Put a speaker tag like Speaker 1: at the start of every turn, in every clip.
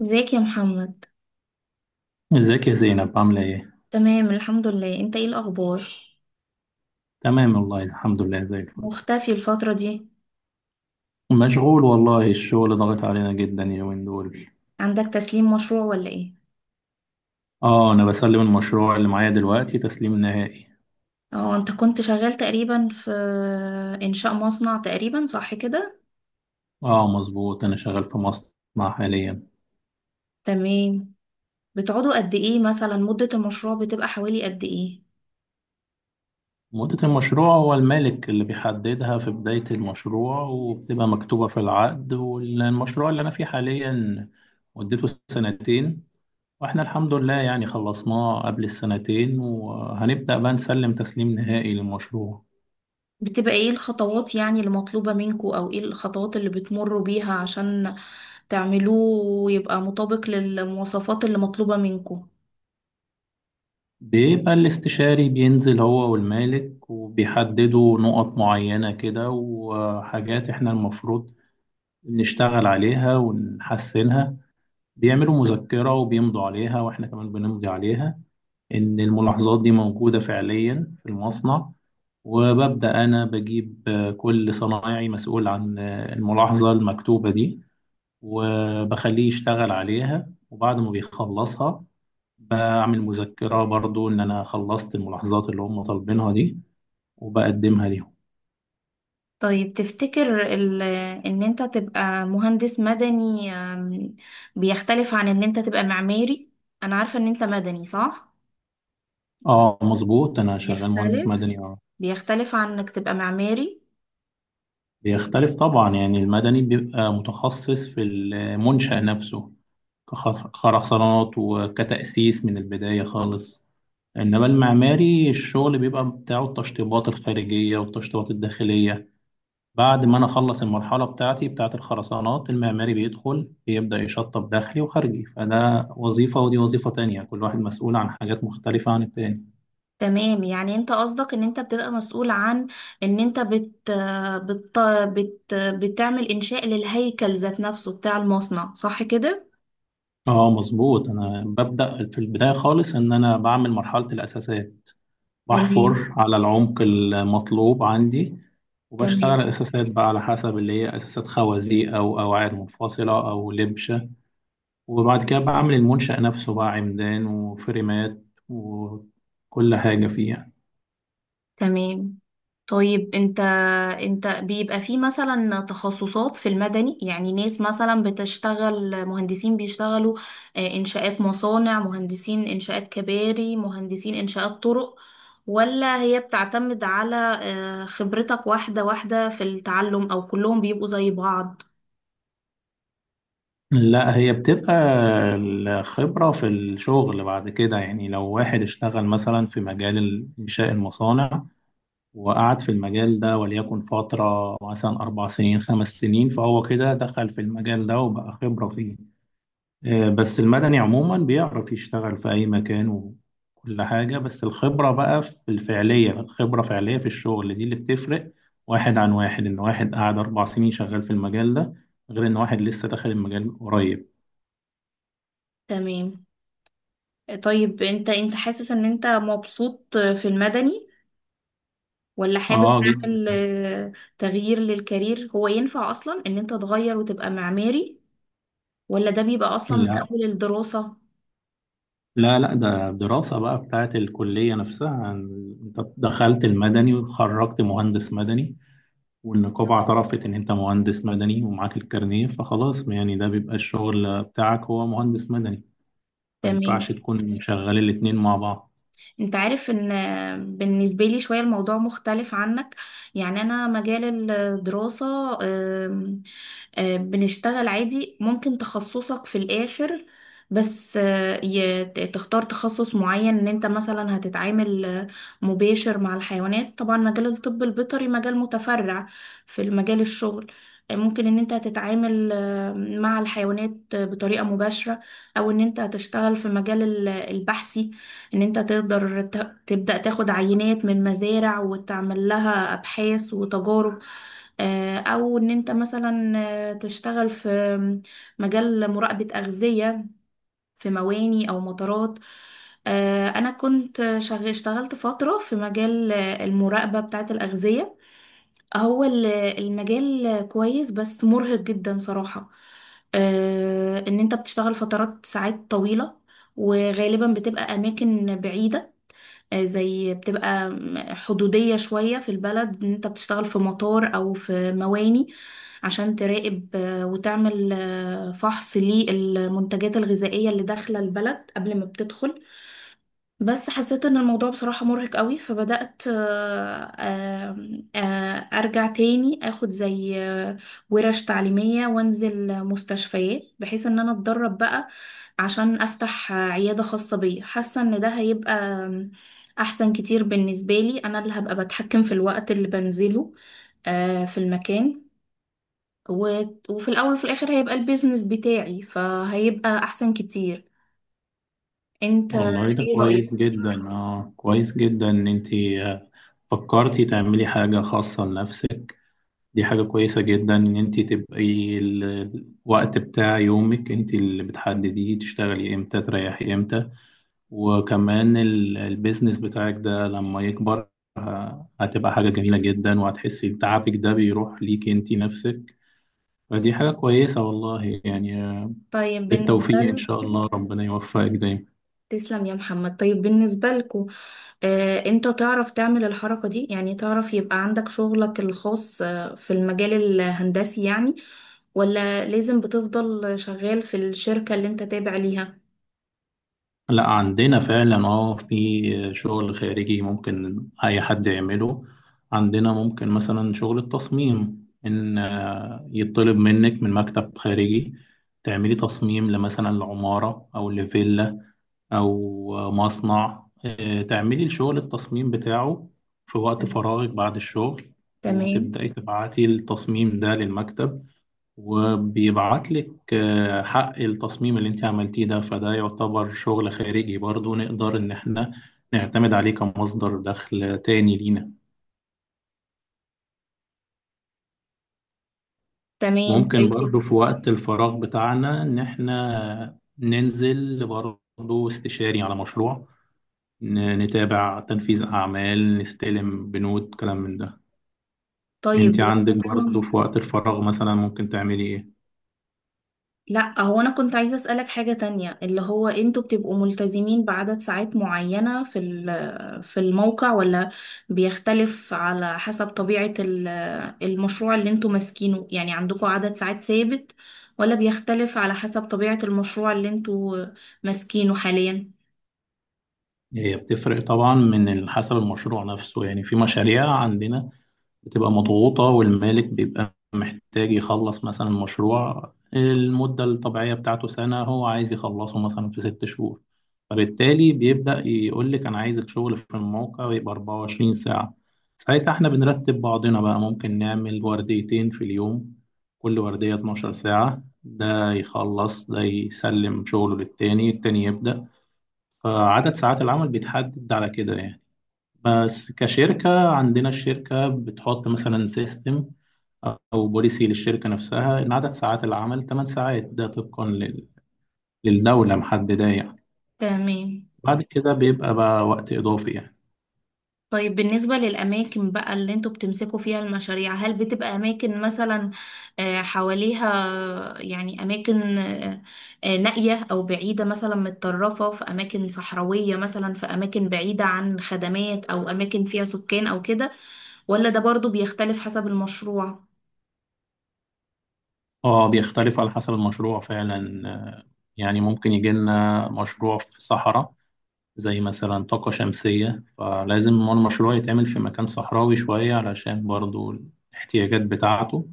Speaker 1: ازيك يا محمد؟
Speaker 2: ازيك يا زينب، عاملة ايه؟
Speaker 1: تمام الحمد لله، انت ايه الاخبار؟
Speaker 2: تمام والله الحمد لله زي الفل.
Speaker 1: مختفي الفترة دي.
Speaker 2: مشغول والله، الشغل ضغط علينا جدا اليومين دول.
Speaker 1: عندك تسليم مشروع ولا ايه؟
Speaker 2: اه، انا بسلم المشروع اللي معايا دلوقتي تسليم نهائي.
Speaker 1: اه، انت كنت شغال تقريبا في انشاء مصنع تقريبا، صح كده؟
Speaker 2: اه مظبوط، انا شغال في مصنع حاليا.
Speaker 1: تمام. بتقعدوا قد ايه؟ مثلا مدة المشروع بتبقى حوالي قد ايه؟
Speaker 2: مدة المشروع هو المالك اللي بيحددها في بداية المشروع، وبتبقى مكتوبة في العقد. والمشروع اللي انا فيه حاليا مدته سنتين، واحنا الحمد لله يعني خلصناه قبل السنتين، وهنبدأ بقى نسلم تسليم نهائي للمشروع.
Speaker 1: بتبقى ايه الخطوات يعني المطلوبة منكوا، او ايه الخطوات اللي بتمروا بيها عشان تعملوه ويبقى مطابق للمواصفات اللي مطلوبة منكوا؟
Speaker 2: بيبقى الاستشاري بينزل هو والمالك وبيحددوا نقط معينة كده وحاجات احنا المفروض نشتغل عليها ونحسنها. بيعملوا مذكرة وبيمضوا عليها، واحنا كمان بنمضي عليها ان الملاحظات دي موجودة فعليا في المصنع. وببدأ أنا بجيب كل صنايعي مسؤول عن الملاحظة المكتوبة دي، وبخليه يشتغل عليها. وبعد ما بيخلصها بعمل مذكرة برضو إن أنا خلصت الملاحظات اللي هم طالبينها دي وبقدمها ليهم.
Speaker 1: طيب، تفتكر ان انت تبقى مهندس مدني بيختلف عن ان انت تبقى معماري؟ انا عارفة ان انت مدني، صح؟
Speaker 2: اه مظبوط، أنا شغال مهندس
Speaker 1: بيختلف؟
Speaker 2: مدني اه.
Speaker 1: بيختلف عن انك تبقى معماري؟
Speaker 2: بيختلف طبعا، يعني المدني بيبقى متخصص في المنشأ نفسه، كخرسانات وكتأسيس من البداية خالص. إنما المعماري الشغل بيبقى بتاعه التشطيبات الخارجية والتشطيبات الداخلية. بعد ما انا اخلص المرحله بتاعتي بتاعه الخرسانات، المعماري بيدخل بيبدا يشطب داخلي وخارجي. فده وظيفه ودي وظيفه تانية، كل واحد مسؤول عن حاجات مختلفه عن التاني.
Speaker 1: تمام. يعني انت قصدك ان انت بتبقى مسؤول عن ان انت بت بت بت بتعمل انشاء للهيكل ذات نفسه بتاع المصنع، صح كده؟
Speaker 2: اه مظبوط، انا ببدا في البدايه خالص ان انا بعمل مرحله الاساسات.
Speaker 1: تمام
Speaker 2: بحفر على العمق المطلوب عندي،
Speaker 1: تمام
Speaker 2: وبشتغل اساسات بقى على حسب اللي هي اساسات خوازيق او قواعد منفصله او لبشه. وبعد كده بعمل المنشأ نفسه بقى، عمدان وفريمات وكل حاجه فيه يعني.
Speaker 1: تمام. طيب، انت بيبقى في مثلا تخصصات في المدني؟ يعني ناس مثلا بتشتغل مهندسين، بيشتغلوا انشاءات مصانع، مهندسين انشاءات كباري، مهندسين انشاءات طرق، ولا هي بتعتمد على خبرتك واحدة واحدة في التعلم، او كلهم بيبقوا زي بعض؟
Speaker 2: لا، هي بتبقى الخبرة في الشغل بعد كده. يعني لو واحد اشتغل مثلا في مجال إنشاء المصانع وقعد في المجال ده وليكن فترة مثلا 4 سنين 5 سنين، فهو كده دخل في المجال ده وبقى خبرة فيه. بس المدني عموما بيعرف يشتغل في أي مكان وكل حاجة. بس الخبرة بقى في الفعلية، الخبرة فعلية في الشغل دي اللي بتفرق واحد عن واحد. إن واحد قعد 4 سنين شغال في المجال ده، غير إن واحد لسه داخل المجال قريب.
Speaker 1: تمام. طيب، انت حاسس ان انت مبسوط في المدني، ولا حابب
Speaker 2: اه
Speaker 1: تعمل
Speaker 2: جدا.
Speaker 1: تغيير للكارير؟ هو ينفع اصلا ان انت تغير وتبقى معماري، ولا ده بيبقى اصلا من
Speaker 2: لا
Speaker 1: اول الدراسة؟
Speaker 2: لا لا، ده دراسة بقى بتاعت الكلية نفسها. انت دخلت المدني وخرجت مهندس مدني، والنقابة اعترفت ان انت مهندس مدني ومعاك الكارنيه، فخلاص يعني ده بيبقى الشغل بتاعك هو مهندس مدني. ما
Speaker 1: تمام.
Speaker 2: ينفعش تكون مشغل الاتنين مع بعض.
Speaker 1: انت عارف ان بالنسبة لي شوية الموضوع مختلف عنك. يعني انا مجال الدراسة، آم، آه، بنشتغل عادي، ممكن تخصصك في الاخر، بس تختار تخصص معين. ان انت مثلا هتتعامل مباشر مع الحيوانات، طبعا مجال الطب البيطري مجال متفرع في المجال الشغل. ممكن ان انت هتتعامل مع الحيوانات بطريقة مباشرة، او ان انت هتشتغل في مجال البحثي، ان انت تقدر تبدأ تاخد عينات من مزارع وتعمل لها ابحاث وتجارب، او ان انت مثلا تشتغل في مجال مراقبة أغذية في مواني او مطارات. انا اشتغلت فترة في مجال المراقبة بتاعة الأغذية. هو المجال كويس، بس مرهق جدا صراحة. ان انت بتشتغل فترات ساعات طويلة، وغالبا بتبقى اماكن بعيدة. زي بتبقى حدودية شوية في البلد، ان انت بتشتغل في مطار او في مواني عشان تراقب وتعمل فحص للمنتجات الغذائية اللي داخلة البلد قبل ما بتدخل. بس حسيت ان الموضوع بصراحة مرهق قوي، فبدأت آه، آم، آه، ارجع تاني اخد زي ورش تعليمية وانزل مستشفيات، بحيث ان انا اتدرب بقى عشان افتح عيادة خاصة بيا. حاسة ان ده هيبقى احسن كتير بالنسبة لي، انا اللي هبقى بتحكم في الوقت اللي بنزله في المكان، و- وفي الاول وفي الاخر هيبقى البيزنس بتاعي، فهيبقى احسن كتير. انت
Speaker 2: والله ده
Speaker 1: ايه
Speaker 2: كويس
Speaker 1: رأيك؟
Speaker 2: جدا، اه كويس جدا ان انت فكرتي تعملي حاجة خاصة لنفسك. دي حاجة كويسة جدا إن أنت تبقي الوقت بتاع يومك أنت اللي بتحدديه، تشتغلي إمتى تريحي إمتى. وكمان البيزنس بتاعك ده لما يكبر، هتبقى حاجة جميلة جدا. وهتحسي تعبك ده بيروح ليك أنت نفسك. فدي حاجة كويسة والله يعني.
Speaker 1: طيب، بالنسبة
Speaker 2: بالتوفيق إن شاء
Speaker 1: لكم.
Speaker 2: الله، ربنا يوفقك دايما.
Speaker 1: تسلم يا محمد. طيب، بالنسبة لكم، انت تعرف تعمل الحركة دي؟ يعني تعرف يبقى عندك شغلك الخاص في المجال الهندسي، يعني؟ ولا لازم بتفضل شغال في الشركة اللي انت تابع ليها؟
Speaker 2: لا، عندنا فعلا اه في شغل خارجي ممكن اي حد يعمله. عندنا ممكن مثلا شغل التصميم ان يطلب منك من مكتب خارجي، تعملي تصميم لمثلا لعمارة او لفيلا او مصنع تعملي الشغل التصميم بتاعه في وقت فراغك بعد الشغل،
Speaker 1: تمام.
Speaker 2: وتبدأي تبعتي التصميم ده للمكتب. وبيبعت لك حق التصميم اللي انت عملتيه ده. فده يعتبر شغل خارجي برضو، نقدر ان احنا نعتمد عليه كمصدر دخل تاني لينا.
Speaker 1: تمام.
Speaker 2: ممكن برضو
Speaker 1: طيب.
Speaker 2: في وقت الفراغ بتاعنا ان احنا ننزل برضو استشاري على مشروع، نتابع تنفيذ اعمال، نستلم بنود، كلام من ده. انت
Speaker 1: طيب هي
Speaker 2: عندك
Speaker 1: اصلا،
Speaker 2: برضو في وقت الفراغ مثلا ممكن تعملي ايه؟
Speaker 1: لا، هو انا كنت عايزة اسألك حاجة تانية، اللي هو انتوا بتبقوا ملتزمين بعدد ساعات معينة في في الموقع، ولا بيختلف على حسب طبيعة المشروع اللي انتوا ماسكينه؟ يعني عندكوا عدد ساعات ثابت، ولا بيختلف على حسب طبيعة المشروع اللي انتوا ماسكينه حاليا؟
Speaker 2: هي بتفرق طبعا من حسب المشروع نفسه. يعني في مشاريع عندنا بتبقى مضغوطة، والمالك بيبقى محتاج يخلص مثلا مشروع المدة الطبيعية بتاعته سنة، هو عايز يخلصه مثلا في 6 شهور. فبالتالي بيبدأ يقول لك أنا عايز الشغل في الموقع يبقى 24 ساعة. ساعتها احنا بنرتب بعضنا بقى، ممكن نعمل ورديتين في اليوم، كل وردية 12 ساعة. ده يخلص ده يسلم شغله للتاني، التاني يبدأ. فعدد ساعات العمل بيتحدد على كده يعني. بس كشركة عندنا الشركة بتحط مثلا سيستم أو بوليسي للشركة نفسها إن عدد ساعات العمل 8 ساعات، ده طبقا للدولة محددة يعني.
Speaker 1: تمام.
Speaker 2: بعد كده بيبقى بقى وقت إضافي يعني.
Speaker 1: طيب بالنسبة للأماكن بقى اللي انتوا بتمسكوا فيها المشاريع، هل بتبقى أماكن مثلا حواليها، يعني أماكن نائية أو بعيدة، مثلا متطرفة في أماكن صحراوية، مثلا في أماكن بعيدة عن خدمات، أو أماكن فيها سكان أو كده، ولا ده برضو بيختلف حسب المشروع؟
Speaker 2: اه، بيختلف على حسب المشروع فعلا. يعني ممكن يجي لنا مشروع في صحراء، زي مثلا طاقة شمسية، فلازم المشروع يتعمل في مكان صحراوي شوية علشان برضو الاحتياجات بتاعته.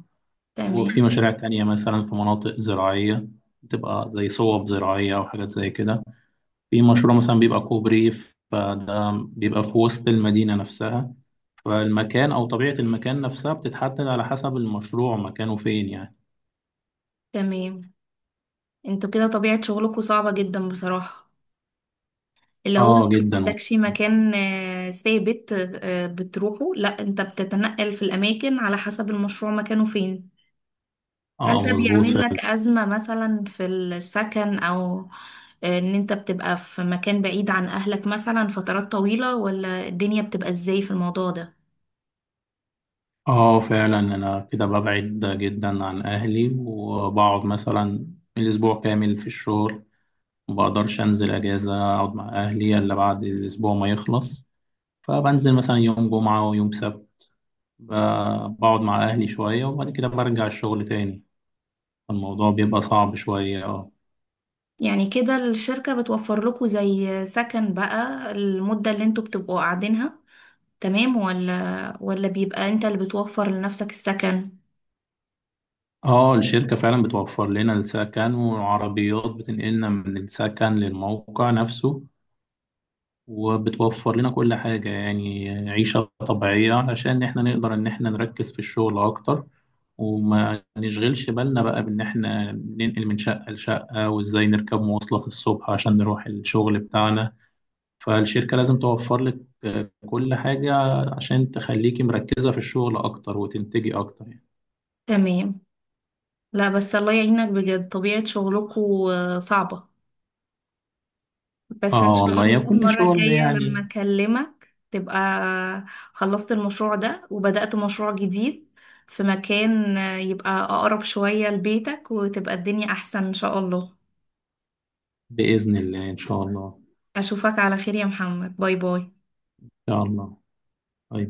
Speaker 2: وفي
Speaker 1: تمام.
Speaker 2: مشاريع تانية مثلا في مناطق زراعية، بتبقى زي صوب زراعية أو حاجات زي كده. في مشروع مثلا بيبقى كوبري، فده بيبقى في وسط المدينة نفسها. فالمكان أو طبيعة المكان نفسها بتتحدد على حسب المشروع مكانه فين يعني.
Speaker 1: تمام. انتوا كده طبيعة شغلكوا صعبة جدا بصراحة، اللي هو
Speaker 2: اه
Speaker 1: انت ما
Speaker 2: جدا والله.
Speaker 1: عندكش مكان ثابت بتروحه. لا، انت بتتنقل في الاماكن على حسب المشروع مكانه فين.
Speaker 2: اه
Speaker 1: هل ده
Speaker 2: مظبوط
Speaker 1: بيعمل
Speaker 2: فعلا.
Speaker 1: لك ازمة مثلا في السكن، او ان انت بتبقى في مكان بعيد عن اهلك مثلا فترات طويلة، ولا الدنيا بتبقى ازاي في الموضوع ده؟
Speaker 2: اه فعلا، انا كده ببعد جدا عن اهلي وبقعد مثلا الاسبوع كامل في الشغل، ما بقدرش انزل اجازة اقعد مع اهلي الا بعد الاسبوع ما يخلص. فبنزل مثلا يوم جمعة ويوم سبت، ب- بقعد مع أهلي شوية، وبعد كده برجع الشغل تاني. الموضوع بيبقى صعب شوية اه.
Speaker 1: يعني كده الشركة بتوفر لكم زي سكن بقى المدة اللي انتوا بتبقوا قاعدينها؟ تمام. ولا بيبقى انت اللي بتوفر لنفسك السكن؟
Speaker 2: اه، الشركة فعلا بتوفر لنا السكن، والعربيات بتنقلنا من السكن للموقع نفسه. وبتوفر لنا كل حاجة، يعني عيشة طبيعية، علشان احنا نقدر ان احنا نركز في الشغل اكتر وما نشغلش بالنا بقى بان احنا ننقل من شقة لشقة وازاي نركب مواصلات الصبح عشان نروح الشغل بتاعنا. فالشركة لازم توفر لك كل حاجة عشان تخليكي مركزة في الشغل أكتر وتنتجي أكتر يعني.
Speaker 1: تمام. لا بس الله يعينك بجد، طبيعة شغلكو صعبة. بس ان
Speaker 2: آه
Speaker 1: شاء
Speaker 2: والله، يا
Speaker 1: الله
Speaker 2: كل
Speaker 1: المرة
Speaker 2: شغل
Speaker 1: الجاية لما
Speaker 2: يعني.
Speaker 1: اكلمك تبقى خلصت المشروع ده وبدأت مشروع جديد في مكان يبقى اقرب شوية لبيتك، وتبقى الدنيا احسن ان شاء الله.
Speaker 2: بإذن الله إن شاء الله.
Speaker 1: اشوفك على خير يا محمد، باي باي.
Speaker 2: إن شاء الله. طيب.